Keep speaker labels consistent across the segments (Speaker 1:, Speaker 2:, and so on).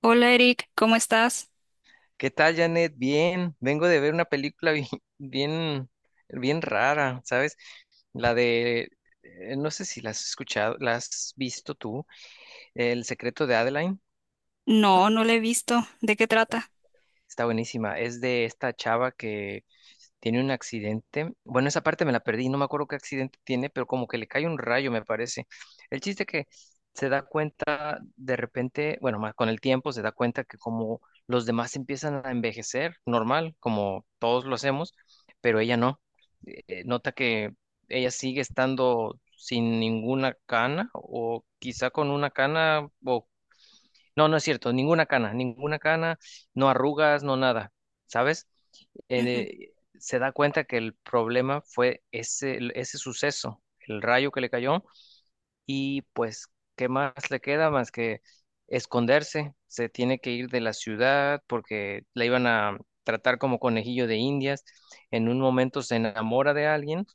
Speaker 1: Hola Eric, ¿cómo estás?
Speaker 2: ¿Qué tal, Janet? Bien, vengo de ver una película bien, bien, bien rara, ¿sabes? La de, no sé si la has escuchado, la has visto tú, El secreto de Adeline.
Speaker 1: No, no la he visto. ¿De qué trata?
Speaker 2: Está buenísima. Es de esta chava que tiene un accidente. Bueno, esa parte me la perdí, no me acuerdo qué accidente tiene, pero como que le cae un rayo, me parece. El chiste que se da cuenta de repente, bueno, más con el tiempo se da cuenta que como los demás empiezan a envejecer, normal, como todos lo hacemos, pero ella no. Nota que ella sigue estando sin ninguna cana o quizá con una cana o no, no es cierto, ninguna cana, no arrugas, no nada, ¿sabes?
Speaker 1: Ujú.
Speaker 2: Eh, Se da cuenta que el problema fue ese, ese suceso, el rayo que le cayó, y pues, ¿qué más le queda más que esconderse? Se tiene que ir de la ciudad porque la iban a tratar como conejillo de Indias. En un momento se enamora de alguien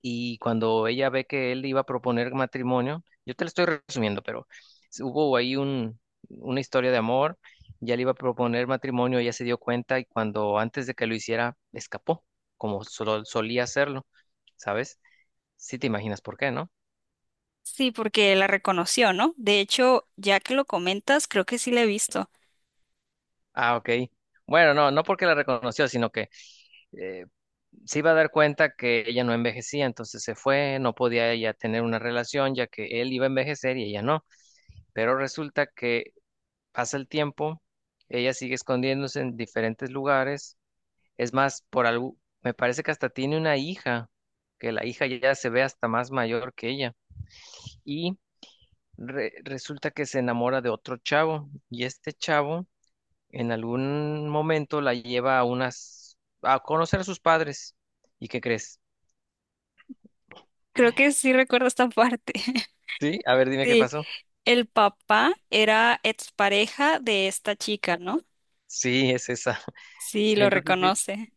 Speaker 2: y cuando ella ve que él iba a proponer matrimonio, yo te lo estoy resumiendo, pero hubo ahí una historia de amor, ya le iba a proponer matrimonio, ella se dio cuenta y cuando antes de que lo hiciera, escapó, como solía hacerlo, ¿sabes? Sí te imaginas por qué, ¿no?
Speaker 1: Sí, porque la reconoció, ¿no? De hecho, ya que lo comentas, creo que sí la he visto.
Speaker 2: Ah, ok. Bueno, no, no porque la reconoció, sino que eh, se iba a dar cuenta que ella no envejecía, entonces se fue, no podía ella tener una relación ya que él iba a envejecer y ella no. Pero resulta que pasa el tiempo, ella sigue escondiéndose en diferentes lugares. Es más, por algo, me parece que hasta tiene una hija, que la hija ya se ve hasta más mayor que ella. Y resulta que se enamora de otro chavo. Y este chavo en algún momento la lleva a a conocer a sus padres. ¿Y qué crees?
Speaker 1: Creo que sí recuerdo esta parte.
Speaker 2: Sí, a ver, dime qué
Speaker 1: Sí,
Speaker 2: pasó.
Speaker 1: el papá era expareja de esta chica, ¿no?
Speaker 2: Sí, es esa.
Speaker 1: Sí,
Speaker 2: Sí,
Speaker 1: lo
Speaker 2: entonces sí.
Speaker 1: reconoce.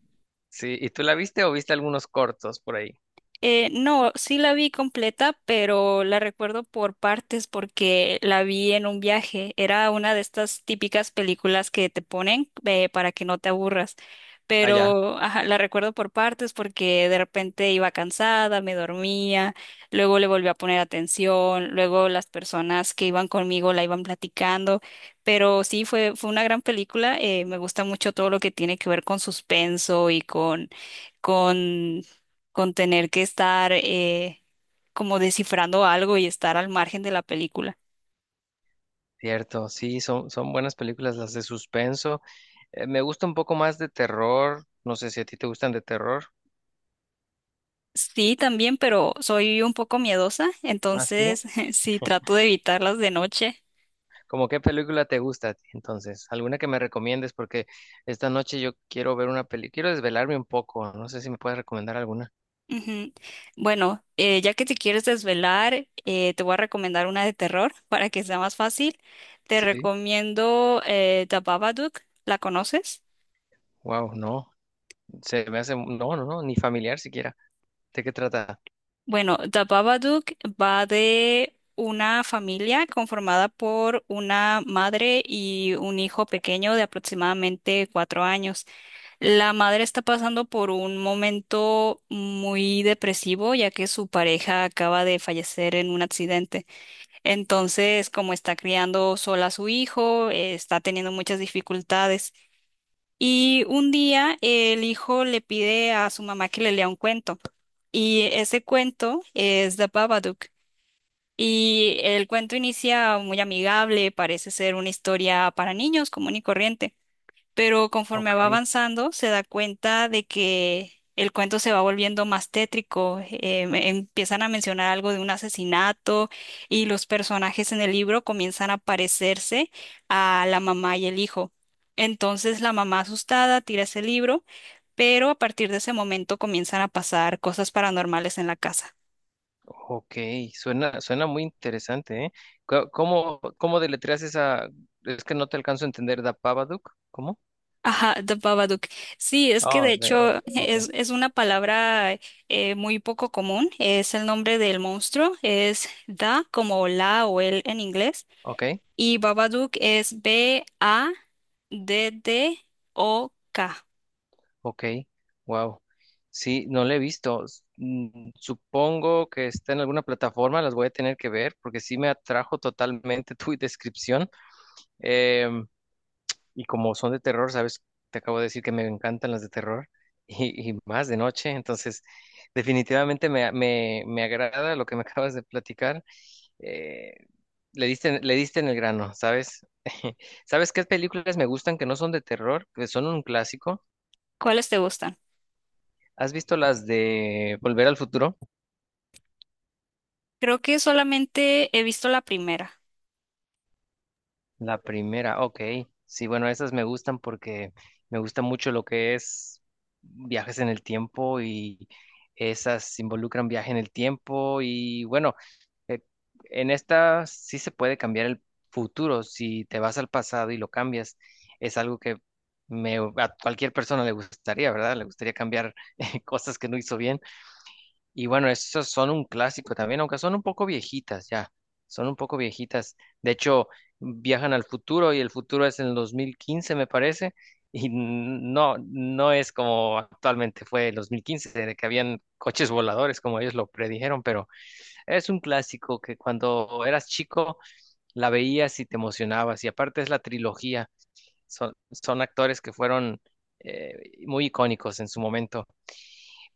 Speaker 2: Sí, ¿y tú la viste o viste algunos cortos por ahí?
Speaker 1: No, sí la vi completa, pero la recuerdo por partes porque la vi en un viaje. Era una de estas típicas películas que te ponen para que no te aburras.
Speaker 2: Allá.
Speaker 1: Pero ajá, la recuerdo por partes porque de repente iba cansada, me dormía, luego le volví a poner atención, luego las personas que iban conmigo la iban platicando. Pero sí, fue una gran película. Me gusta mucho todo lo que tiene que ver con suspenso y con con tener que estar como descifrando algo y estar al margen de la película.
Speaker 2: Cierto, sí, son, son buenas películas las de suspenso. Me gusta un poco más de terror. No sé si a ti te gustan de terror.
Speaker 1: Sí, también, pero soy un poco miedosa,
Speaker 2: Ah, sí.
Speaker 1: entonces sí trato de evitarlas de noche.
Speaker 2: ¿Cómo qué película te gusta a ti, entonces? ¿Alguna que me recomiendes? Porque esta noche yo quiero ver una película, quiero desvelarme un poco. No sé si me puedes recomendar alguna.
Speaker 1: Ujú. Bueno, ya que te quieres desvelar, te voy a recomendar una de terror para que sea más fácil. Te
Speaker 2: Sí.
Speaker 1: recomiendo The Babadook. ¿La conoces?
Speaker 2: Wow, no. Se me hace, no, no, no, ni familiar siquiera. ¿De qué trata?
Speaker 1: Bueno, The Babadook va de una familia conformada por una madre y un hijo pequeño de aproximadamente 4 años. La madre está pasando por un momento muy depresivo, ya que su pareja acaba de fallecer en un accidente. Entonces, como está criando sola a su hijo, está teniendo muchas dificultades. Y un día el hijo le pide a su mamá que le lea un cuento. Y ese cuento es The Babadook. Y el cuento inicia muy amigable, parece ser una historia para niños común y corriente, pero conforme
Speaker 2: Ok,
Speaker 1: va avanzando se da cuenta de que el cuento se va volviendo más tétrico. Empiezan a mencionar algo de un asesinato y los personajes en el libro comienzan a parecerse a la mamá y el hijo. Entonces la mamá asustada tira ese libro, pero a partir de ese momento comienzan a pasar cosas paranormales en la casa.
Speaker 2: ok, suena, suena muy interesante, ¿eh? Cómo deletreas esa? Es que no te alcanzo a entender, ¿da Babadook? ¿Cómo?
Speaker 1: Ajá, The Babadook. Sí, es que
Speaker 2: Oh,
Speaker 1: de
Speaker 2: de,
Speaker 1: hecho
Speaker 2: ok,
Speaker 1: es, es una palabra muy poco común. Es el nombre del monstruo. Es Da como la o el en inglés.
Speaker 2: ok,
Speaker 1: Y Babadook es BADDOK.
Speaker 2: ok, wow. Sí, no la he visto. Supongo que está en alguna plataforma, las voy a tener que ver porque sí me atrajo totalmente tu descripción. Em, y como son de terror, sabes, te acabo de decir que me encantan las de terror y más de noche, entonces definitivamente me agrada lo que me acabas de platicar. Eh, Le diste, le diste en el grano, ¿sabes? ¿Sabes qué películas me gustan que no son de terror, que son un clásico?
Speaker 1: ¿Cuáles te gustan?
Speaker 2: ¿Has visto las de Volver al Futuro?
Speaker 1: Creo que solamente he visto la primera.
Speaker 2: La primera, ok. Sí, bueno, esas me gustan porque me gusta mucho lo que es viajes en el tiempo y esas involucran viaje en el tiempo y bueno, Eh, En esta sí se puede cambiar el futuro. Si te vas al pasado y lo cambias, es algo que a cualquier persona le gustaría, ¿verdad? Le gustaría cambiar cosas que no hizo bien. Y bueno, esos son un clásico también, aunque son un poco viejitas ya. Son un poco viejitas. De hecho, viajan al futuro y el futuro es en el 2015, me parece. Y no, no es como actualmente fue el 2015, de que habían coches voladores, como ellos lo predijeron, pero es un clásico que cuando eras chico la veías y te emocionabas. Y aparte es la trilogía. Son actores que fueron eh, muy icónicos en su momento.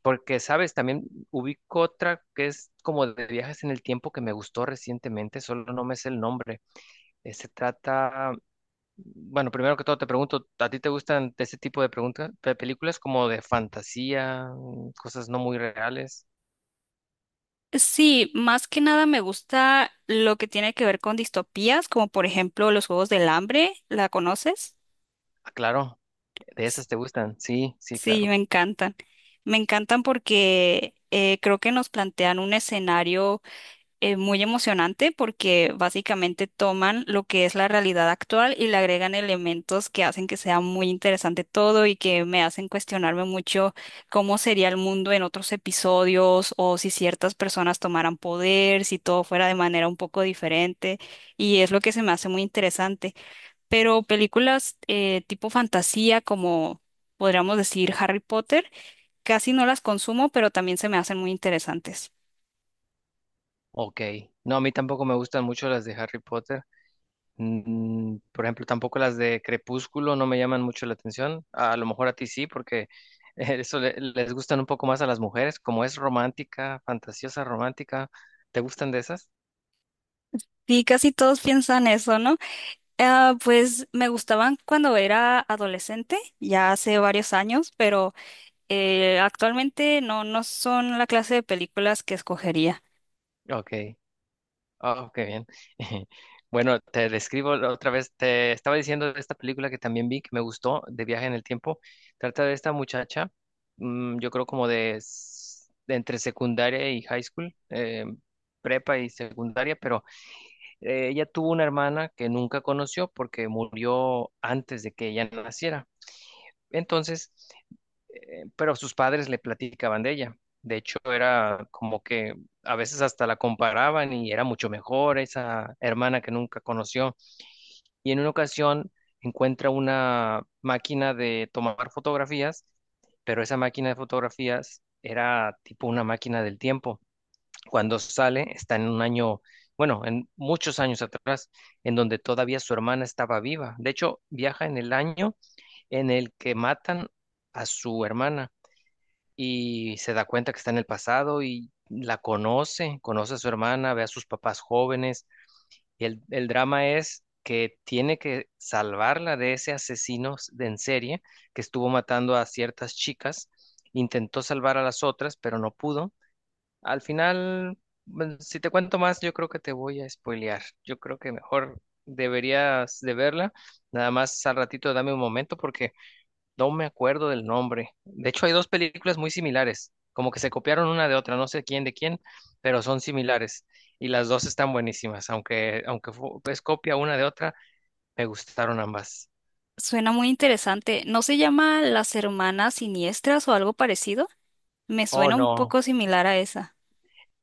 Speaker 2: Porque, sabes, también ubico otra que es como de viajes en el tiempo que me gustó recientemente, solo no me sé el nombre. Eh, se trata, bueno, primero que todo te pregunto, ¿a ti te gustan de ese tipo de preguntas, de películas como de fantasía, cosas no muy reales?
Speaker 1: Sí, más que nada me gusta lo que tiene que ver con distopías, como por ejemplo los Juegos del Hambre. ¿La conoces?
Speaker 2: Ah, claro, de esas te gustan. Sí, sí,
Speaker 1: Sí, me
Speaker 2: claro.
Speaker 1: encantan. Me encantan porque creo que nos plantean un escenario muy emocionante porque básicamente toman lo que es la realidad actual y le agregan elementos que hacen que sea muy interesante todo y que me hacen cuestionarme mucho cómo sería el mundo en otros episodios o si ciertas personas tomaran poder, si todo fuera de manera un poco diferente. Y es lo que se me hace muy interesante, pero películas tipo fantasía, como podríamos decir Harry Potter, casi no las consumo, pero también se me hacen muy interesantes.
Speaker 2: Ok. No, a mí tampoco me gustan mucho las de Harry Potter. Por ejemplo, tampoco las de Crepúsculo no me llaman mucho la atención. A lo mejor a ti sí, porque eso les gustan un poco más a las mujeres, como es romántica, fantasiosa romántica. ¿Te gustan de esas?
Speaker 1: Sí, casi todos piensan eso, ¿no? Ah, pues me gustaban cuando era adolescente, ya hace varios años, pero actualmente no, no son la clase de películas que escogería.
Speaker 2: Ok. Oh, qué bien. Bueno, te describo la otra vez. Te estaba diciendo de esta película que también vi, que me gustó, de Viaje en el Tiempo. Trata de esta muchacha, yo creo como de entre secundaria y high school, prepa y secundaria, pero ella tuvo una hermana que nunca conoció porque murió antes de que ella naciera. Entonces, pero sus padres le platicaban de ella. De hecho, era como que a veces hasta la comparaban y era mucho mejor esa hermana que nunca conoció. Y en una ocasión encuentra una máquina de tomar fotografías, pero esa máquina de fotografías era tipo una máquina del tiempo. Cuando sale, está en un año, bueno, en muchos años atrás, en donde todavía su hermana estaba viva. De hecho, viaja en el año en el que matan a su hermana y se da cuenta que está en el pasado y la conoce, conoce a su hermana, ve a sus papás jóvenes y el drama es que tiene que salvarla de ese asesino de en serie que estuvo matando a ciertas chicas, intentó salvar a las otras, pero no pudo. Al final, bueno, si te cuento más, yo creo que te voy a spoilear. Yo creo que mejor deberías de verla. Nada más al ratito dame un momento porque no me acuerdo del nombre. De hecho, hay dos películas muy similares, como que se copiaron una de otra, no sé quién de quién, pero son similares. Y las dos están buenísimas, aunque es copia una de otra, me gustaron ambas.
Speaker 1: Suena muy interesante. ¿No se llama Las Hermanas Siniestras o algo parecido? Me
Speaker 2: Oh,
Speaker 1: suena un
Speaker 2: no.
Speaker 1: poco similar a esa.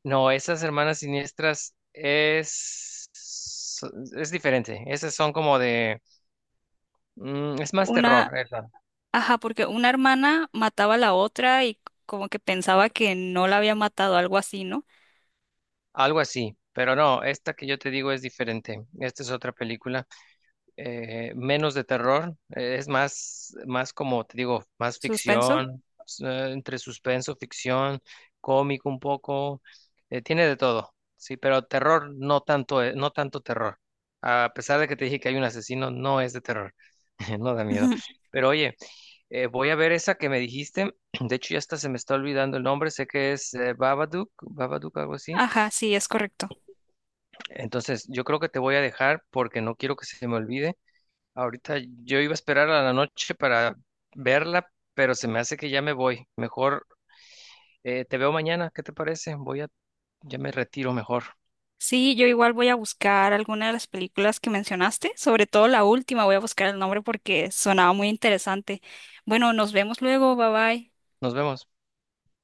Speaker 2: No, esas hermanas siniestras es diferente. Esas son como de... es más terror,
Speaker 1: Una,
Speaker 2: esa,
Speaker 1: ajá, porque una hermana mataba a la otra y como que pensaba que no la había matado, algo así, ¿no?
Speaker 2: algo así. Pero no, esta que yo te digo es diferente. Esta es otra película. Menos de terror, es más, más como te digo, más
Speaker 1: Suspenso.
Speaker 2: ficción, entre suspenso, ficción, cómico un poco, tiene de todo, sí, pero terror no tanto, no tanto terror. A pesar de que te dije que hay un asesino, no es de terror, no da miedo.
Speaker 1: Ujú.
Speaker 2: Pero oye, voy a ver esa que me dijiste, de hecho ya hasta se me está olvidando el nombre, sé que es Babadook, Babadook, algo así.
Speaker 1: Ajá, sí, es correcto.
Speaker 2: Entonces, yo creo que te voy a dejar porque no quiero que se me olvide. Ahorita yo iba a esperar a la noche para verla, pero se me hace que ya me voy. Mejor te veo mañana, ¿qué te parece? Ya me retiro mejor.
Speaker 1: Sí, yo igual voy a buscar alguna de las películas que mencionaste, sobre todo la última, voy a buscar el nombre porque sonaba muy interesante. Bueno, nos vemos luego, bye bye.
Speaker 2: Nos vemos.